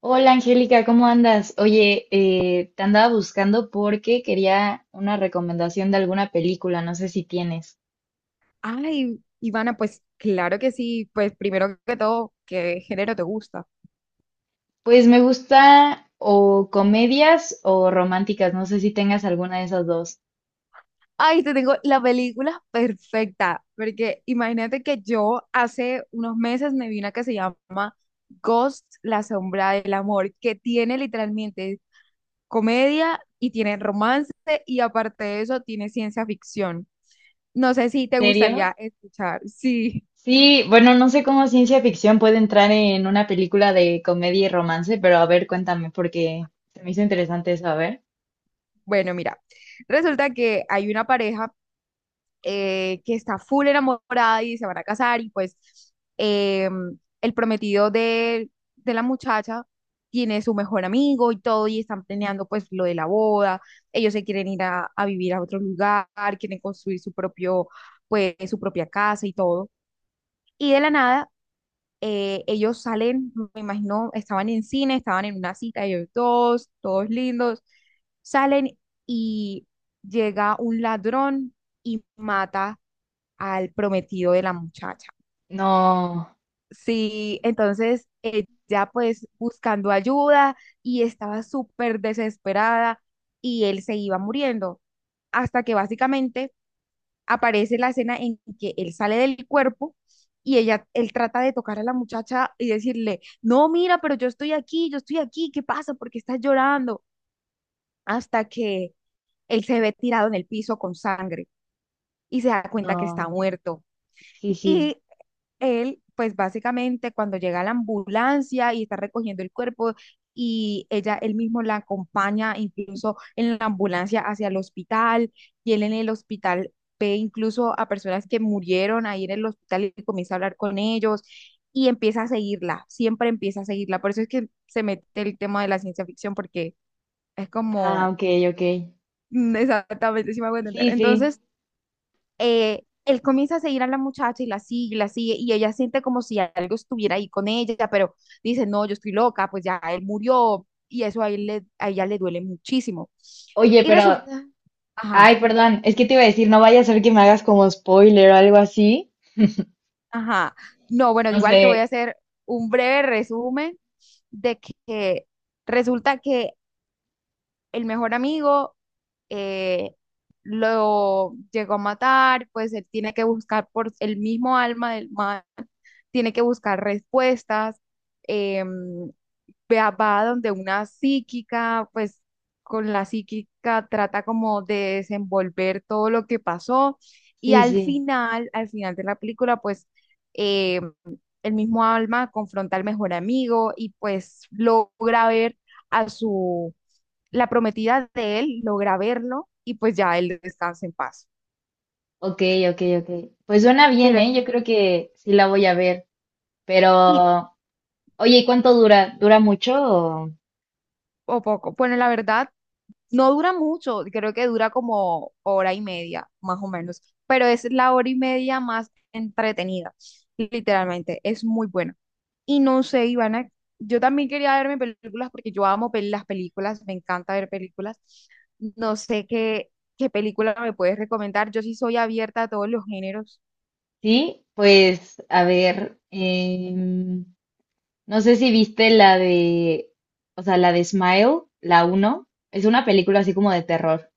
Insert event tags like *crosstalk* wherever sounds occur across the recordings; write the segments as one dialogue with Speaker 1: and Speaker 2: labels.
Speaker 1: Hola Angélica, ¿cómo andas? Oye, te andaba buscando porque quería una recomendación de alguna película, no sé si tienes.
Speaker 2: Ay, Ivana, pues claro que sí. Pues primero que todo, ¿qué género te gusta?
Speaker 1: Pues me gusta o comedias o románticas, no sé si tengas alguna de esas dos.
Speaker 2: Ay, te tengo la película perfecta, porque imagínate que yo hace unos meses me vi una que se llama Ghost, la sombra del amor, que tiene literalmente comedia y tiene romance y aparte de eso tiene ciencia ficción. No sé
Speaker 1: ¿En
Speaker 2: si te gustaría
Speaker 1: serio?
Speaker 2: escuchar. Sí,
Speaker 1: Sí, bueno, no sé cómo ciencia ficción puede entrar en una película de comedia y romance, pero a ver, cuéntame, porque se me hizo interesante eso, a ver.
Speaker 2: bueno, mira, resulta que hay una pareja que está full enamorada y se van a casar y pues eh, el prometido de la muchacha tiene su mejor amigo y todo y están planeando pues lo de la boda, ellos se quieren ir a vivir a otro lugar, quieren construir su propio, pues su propia casa y todo. Y de la nada, ellos salen, me imagino, estaban en cine, estaban en una cita, ellos dos, todos lindos, salen y llega un ladrón y mata al prometido de la muchacha.
Speaker 1: No,
Speaker 2: Sí, entonces ella pues buscando ayuda y estaba súper desesperada y él se iba muriendo hasta que básicamente aparece la escena en que él sale del cuerpo y ella, él trata de tocar a la muchacha y decirle, no, mira, pero yo estoy aquí, ¿qué pasa? ¿Por qué estás llorando? Hasta que él se ve tirado en el piso con sangre y se da cuenta que está
Speaker 1: no,
Speaker 2: muerto.
Speaker 1: sí, sí.
Speaker 2: Y él, pues básicamente cuando llega la ambulancia y está recogiendo el cuerpo y ella, él mismo la acompaña incluso en la ambulancia hacia el hospital y él en el hospital ve incluso a personas que murieron ahí en el hospital y comienza a hablar con ellos y empieza a seguirla, siempre empieza a seguirla. Por eso es que se mete el tema de la ciencia ficción porque es
Speaker 1: Ah,
Speaker 2: como
Speaker 1: ok, ok.
Speaker 2: *laughs* exactamente si me hago entender.
Speaker 1: Sí, sí.
Speaker 2: Entonces él comienza a seguir a la muchacha y la sigue, y la sigue, y ella siente como si algo estuviera ahí con ella, pero dice, no, yo estoy loca, pues ya él murió, y eso a, a ella le duele muchísimo.
Speaker 1: Oye,
Speaker 2: Y
Speaker 1: pero
Speaker 2: resulta, ajá,
Speaker 1: ay, perdón, es que te iba a decir, no vaya a ser que me hagas como spoiler o algo así.
Speaker 2: ajá, no, bueno,
Speaker 1: No
Speaker 2: igual
Speaker 1: sé.
Speaker 2: te voy a hacer un breve resumen de que resulta que el mejor amigo eh, lo llegó a matar, pues él tiene que buscar por el mismo alma del mal, tiene que buscar respuestas, em, va donde una psíquica, pues con la psíquica trata como de desenvolver todo lo que pasó y
Speaker 1: Sí, sí.
Speaker 2: al final de la película, pues em, el mismo Alma confronta al mejor amigo y pues logra ver a su, la prometida de él, logra verlo y pues ya él descansa en paz.
Speaker 1: Ok, ok, ok. Pues suena bien,
Speaker 2: Pero,
Speaker 1: ¿eh? Yo creo que sí la voy a ver.
Speaker 2: y,
Speaker 1: Pero oye, ¿y cuánto dura? ¿Dura mucho
Speaker 2: o poco, bueno, la verdad. No dura mucho, creo que dura como hora y media, más o menos, pero es la hora y media más entretenida, literalmente, es muy buena. Y no sé, Ivana, yo también quería verme películas porque yo amo las películas, me encanta ver películas. No sé qué, qué película me puedes recomendar, yo sí soy abierta a todos los géneros.
Speaker 1: Sí, pues, a ver, no sé si viste la de, o sea, la de Smile, la uno. Es una película así como de terror.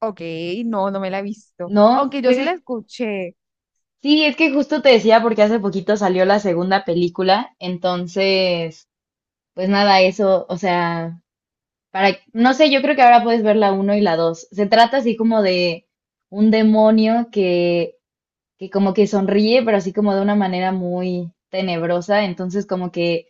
Speaker 2: Ok, no, no me la he visto,
Speaker 1: ¿No?
Speaker 2: aunque yo sí la escuché.
Speaker 1: Sí, es que justo te decía porque hace poquito salió la segunda película, entonces pues nada, eso, o sea, para, no sé, yo creo que ahora puedes ver la uno y la dos. Se trata así como de un demonio que como que sonríe, pero así como de una manera muy tenebrosa. Entonces, como que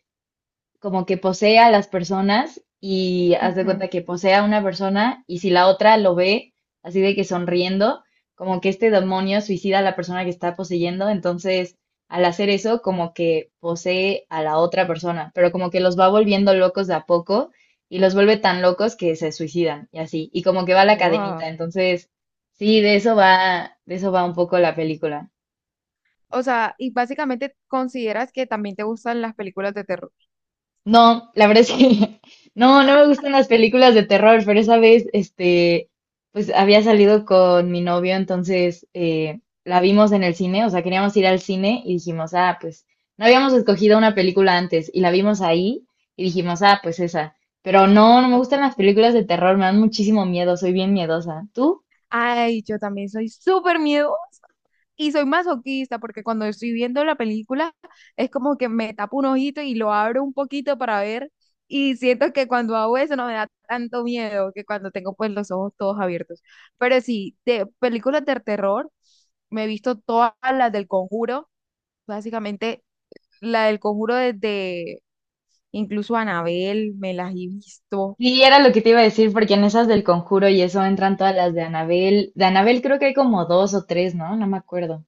Speaker 1: como que posee a las personas y haz de
Speaker 2: Ujú.
Speaker 1: cuenta que posee a una persona y si la otra lo ve así de que sonriendo, como que este demonio suicida a la persona que está poseyendo, entonces al hacer eso como que posee a la otra persona, pero como que los va volviendo locos de a poco y los vuelve tan locos que se suicidan y así, y como que va la cadenita,
Speaker 2: Wow.
Speaker 1: entonces sí, de eso va un poco la película.
Speaker 2: O sea, y básicamente consideras que también te gustan las películas de terror.
Speaker 1: No, la verdad es que *laughs* no, no me gustan las películas de terror, pero esa vez, este, pues había salido con mi novio, entonces la vimos en el cine, o sea, queríamos ir al cine y dijimos, ah, pues no habíamos escogido una película antes y la vimos ahí y dijimos, ah, pues esa. Pero no, no me gustan
Speaker 2: Ok.
Speaker 1: las películas de terror, me dan muchísimo miedo, soy bien miedosa. ¿Tú?
Speaker 2: Ay, yo también soy súper miedosa y soy masoquista porque cuando estoy viendo la película es como que me tapo un ojito y lo abro un poquito para ver y siento que cuando hago eso no me da tanto miedo que cuando tengo pues los ojos todos abiertos. Pero sí, de películas de terror me he visto todas las del Conjuro, básicamente la del Conjuro desde incluso Anabel me las he visto,
Speaker 1: Sí, era lo que te iba a decir, porque en esas del Conjuro y eso entran todas las de Anabel. De Anabel creo que hay como dos o tres, ¿no? No me acuerdo.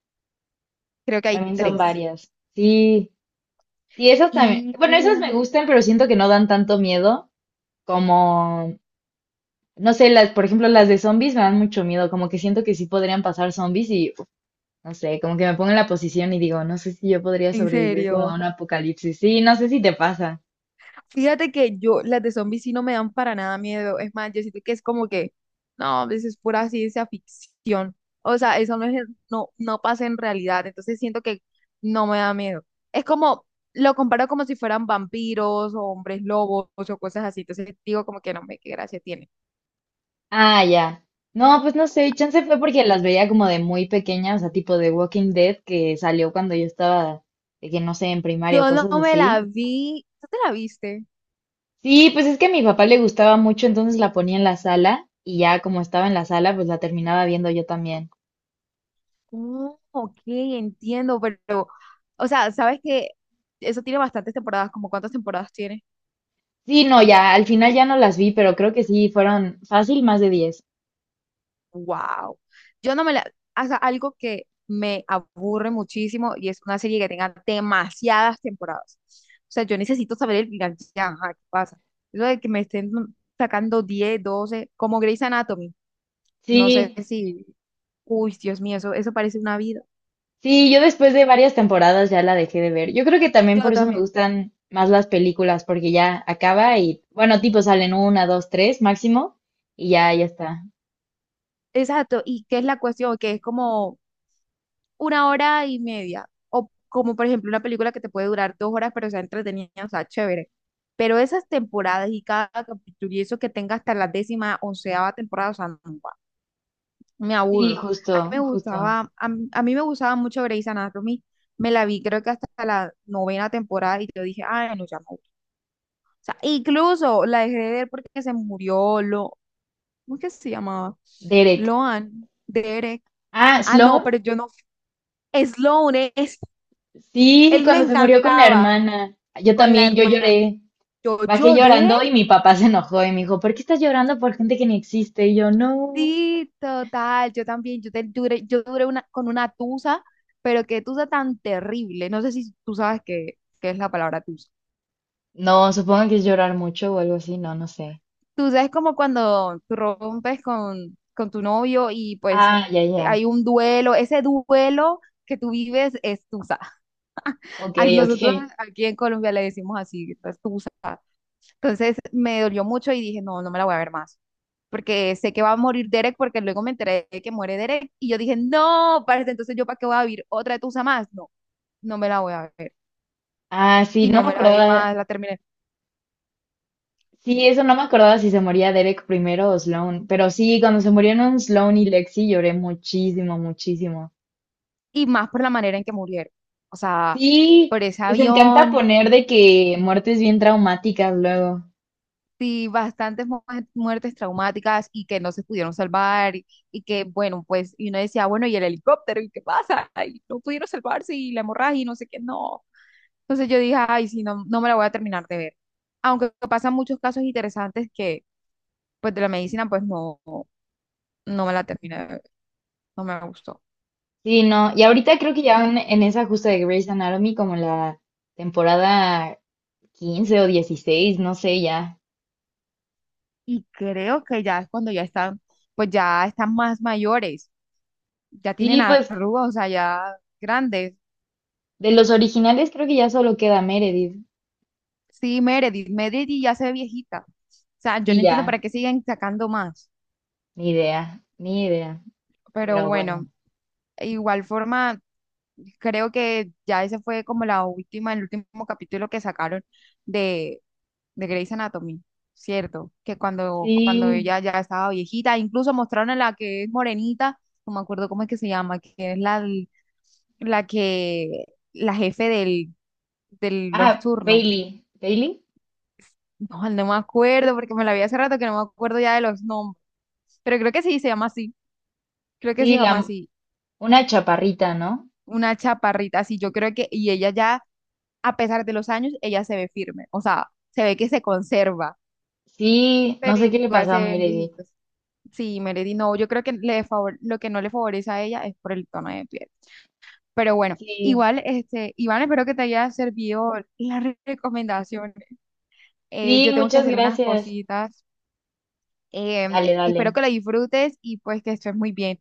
Speaker 2: creo que hay
Speaker 1: También son
Speaker 2: tres.
Speaker 1: varias. Sí, sí, esas también.
Speaker 2: Y
Speaker 1: Bueno, esas me gustan, pero siento que no dan tanto miedo como, no sé, las, por ejemplo, las de zombies me dan mucho miedo, como que siento que sí podrían pasar zombies y, uf, no sé, como que me pongo en la posición y digo, no sé si yo podría
Speaker 2: en
Speaker 1: sobrevivir como a
Speaker 2: serio.
Speaker 1: un apocalipsis. Sí, no sé si te pasa.
Speaker 2: Fíjate que yo, las de zombies sí no me dan para nada miedo. Es más, yo siento que es como que, no, eso es pura ciencia ficción. O sea, eso no es, no, no pasa en realidad. Entonces siento que no me da miedo. Es como, lo comparo como si fueran vampiros o hombres lobos o cosas así. Entonces digo como que no, me qué gracia tiene.
Speaker 1: Ah, ya. No, pues no sé, chance fue porque las veía como de muy pequeña, o sea, tipo de Walking Dead que salió cuando yo estaba, de que no sé, en primaria,
Speaker 2: Yo no
Speaker 1: cosas
Speaker 2: me la
Speaker 1: así.
Speaker 2: vi. ¿Tú te la viste?
Speaker 1: Sí, pues es que a mi papá le gustaba mucho, entonces la ponía en la sala y ya como estaba en la sala, pues la terminaba viendo yo también.
Speaker 2: Oh, ok, entiendo, pero, o sea, ¿sabes que eso tiene bastantes temporadas, como cuántas temporadas tiene?
Speaker 1: Sí, no, ya, al final ya no las vi, pero creo que sí, fueron fácil más de 10.
Speaker 2: Wow. Yo no me la, o sea, algo que me aburre muchísimo y es una serie que tenga demasiadas temporadas. O sea, yo necesito saber el final, ya, ajá, ¿qué pasa? Eso de que me estén sacando 10, 12, como Grey's Anatomy. No sé
Speaker 1: Sí,
Speaker 2: si, uy, Dios mío, eso parece una vida.
Speaker 1: sí, yo después de varias temporadas ya la dejé de ver. Yo creo que también
Speaker 2: Yo
Speaker 1: por eso me
Speaker 2: también.
Speaker 1: gustan más las películas, porque ya acaba y, bueno, tipo salen una, dos, tres máximo y ya, ya está.
Speaker 2: Exacto. ¿Y qué es la cuestión? Que es como una hora y media. O como por ejemplo una película que te puede durar dos horas, pero sea entretenida, o sea, chévere. Pero esas temporadas y cada capítulo y eso que tenga hasta la décima, onceava temporada, o sea, no, guau, me
Speaker 1: Sí,
Speaker 2: aburro. A mí me
Speaker 1: justo, justo.
Speaker 2: gustaba, a mí me gustaba mucho Grey's Anatomy. Me la vi creo que hasta la novena temporada y yo dije, ay, no, ya no. O sea, incluso la dejé de ver porque se murió, lo, ¿cómo es que se llamaba?
Speaker 1: Derek.
Speaker 2: Loan, Derek.
Speaker 1: Ah,
Speaker 2: Ah, no,
Speaker 1: Sloan.
Speaker 2: pero yo no. Sloane,
Speaker 1: Sí,
Speaker 2: él me
Speaker 1: cuando se murió con la
Speaker 2: encantaba
Speaker 1: hermana. Yo
Speaker 2: con la
Speaker 1: también, yo
Speaker 2: hermana.
Speaker 1: lloré.
Speaker 2: Yo
Speaker 1: Bajé
Speaker 2: lloré,
Speaker 1: llorando y mi papá se enojó y me dijo, ¿por qué estás llorando por gente que ni existe? Y yo, no.
Speaker 2: sí, total. Yo también, yo, duré, yo duré una, con una tusa, pero qué tusa tan terrible. No sé si tú sabes qué, qué es la palabra tusa.
Speaker 1: No, supongo que es llorar mucho o algo así, no, no sé.
Speaker 2: Tusa es como cuando tú rompes con tu novio y pues
Speaker 1: Ah, ya, ya.
Speaker 2: hay un duelo. Ese duelo que tú vives es tusa. *laughs*
Speaker 1: Ok,
Speaker 2: A nosotros
Speaker 1: ok.
Speaker 2: aquí en Colombia le decimos así, es tusa. Entonces me dolió mucho y dije, no, no me la voy a ver más, porque sé que va a morir Derek, porque luego me enteré de que muere Derek y yo dije, no, parce, entonces yo para qué voy a vivir otra de tusa más. No, no me la voy a ver.
Speaker 1: Ah, sí,
Speaker 2: Y
Speaker 1: no
Speaker 2: no
Speaker 1: me
Speaker 2: me la vi
Speaker 1: acordaba.
Speaker 2: más, la terminé.
Speaker 1: Sí, eso no me acordaba si se moría Derek primero o Sloan. Pero sí, cuando se murieron Sloan y Lexi lloré muchísimo, muchísimo.
Speaker 2: Y más por la manera en que murieron. O sea,
Speaker 1: Sí,
Speaker 2: por ese
Speaker 1: les encanta
Speaker 2: avión,
Speaker 1: poner de que muertes bien traumáticas luego.
Speaker 2: sí, bastantes muertes traumáticas y que no se pudieron salvar y que, bueno, pues, y uno decía, bueno, ¿y el helicóptero? ¿Y qué pasa? Y no pudieron salvarse y la hemorragia y no sé qué, no. Entonces yo dije, ay, sí, no, no me la voy a terminar de ver. Aunque pasan muchos casos interesantes que, pues, de la medicina, pues, no, no me la terminé de ver, no me gustó.
Speaker 1: Sí, no. Y ahorita creo que ya van en esa justa de Grey's Anatomy como la temporada 15 o 16, no sé ya.
Speaker 2: Y creo que ya es cuando ya están, pues, ya están más mayores, ya tienen
Speaker 1: Sí, pues
Speaker 2: arrugas, o sea, ya grandes.
Speaker 1: de los originales creo que ya solo queda Meredith.
Speaker 2: Sí, Meredith, Meredith ya se ve viejita. O sea, yo
Speaker 1: Sí,
Speaker 2: no entiendo para
Speaker 1: ya,
Speaker 2: qué siguen sacando más,
Speaker 1: ni idea, ni idea,
Speaker 2: pero
Speaker 1: pero bueno.
Speaker 2: bueno, igual forma, creo que ya ese fue como la última, el último capítulo que sacaron de de Grey's Anatomy, ¿cierto? Que cuando, cuando
Speaker 1: Sí.
Speaker 2: ella ya estaba viejita, incluso mostraron a la que es morenita, no me acuerdo cómo es que se llama, que es la, la que, la jefe del, de los
Speaker 1: Ah,
Speaker 2: turnos.
Speaker 1: Bailey, Bailey.
Speaker 2: No, no me acuerdo, porque me la vi hace rato que no me acuerdo ya de los nombres. Pero creo que sí se llama así, creo que
Speaker 1: Sí,
Speaker 2: se
Speaker 1: la
Speaker 2: llama así,
Speaker 1: una chaparrita, ¿no?
Speaker 2: una chaparrita así, yo creo que, y ella ya, a pesar de los años, ella se ve firme, o sea, se ve que se conserva,
Speaker 1: Sí, no
Speaker 2: pero
Speaker 1: sé qué le
Speaker 2: igual
Speaker 1: pasó a
Speaker 2: se ven
Speaker 1: Meredith.
Speaker 2: viejitos. Sí, Melody, no, yo creo que le lo que no le favorece a ella es por el tono de piel. Pero bueno,
Speaker 1: Sí.
Speaker 2: igual, este, Iván, espero que te haya servido la recomendación.
Speaker 1: Sí,
Speaker 2: Yo tengo que
Speaker 1: muchas
Speaker 2: hacer unas
Speaker 1: gracias.
Speaker 2: cositas. Em,
Speaker 1: Dale, dale.
Speaker 2: espero que la disfrutes y pues que estés muy bien.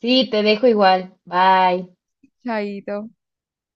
Speaker 1: Sí, te dejo igual. Bye.
Speaker 2: Chaito.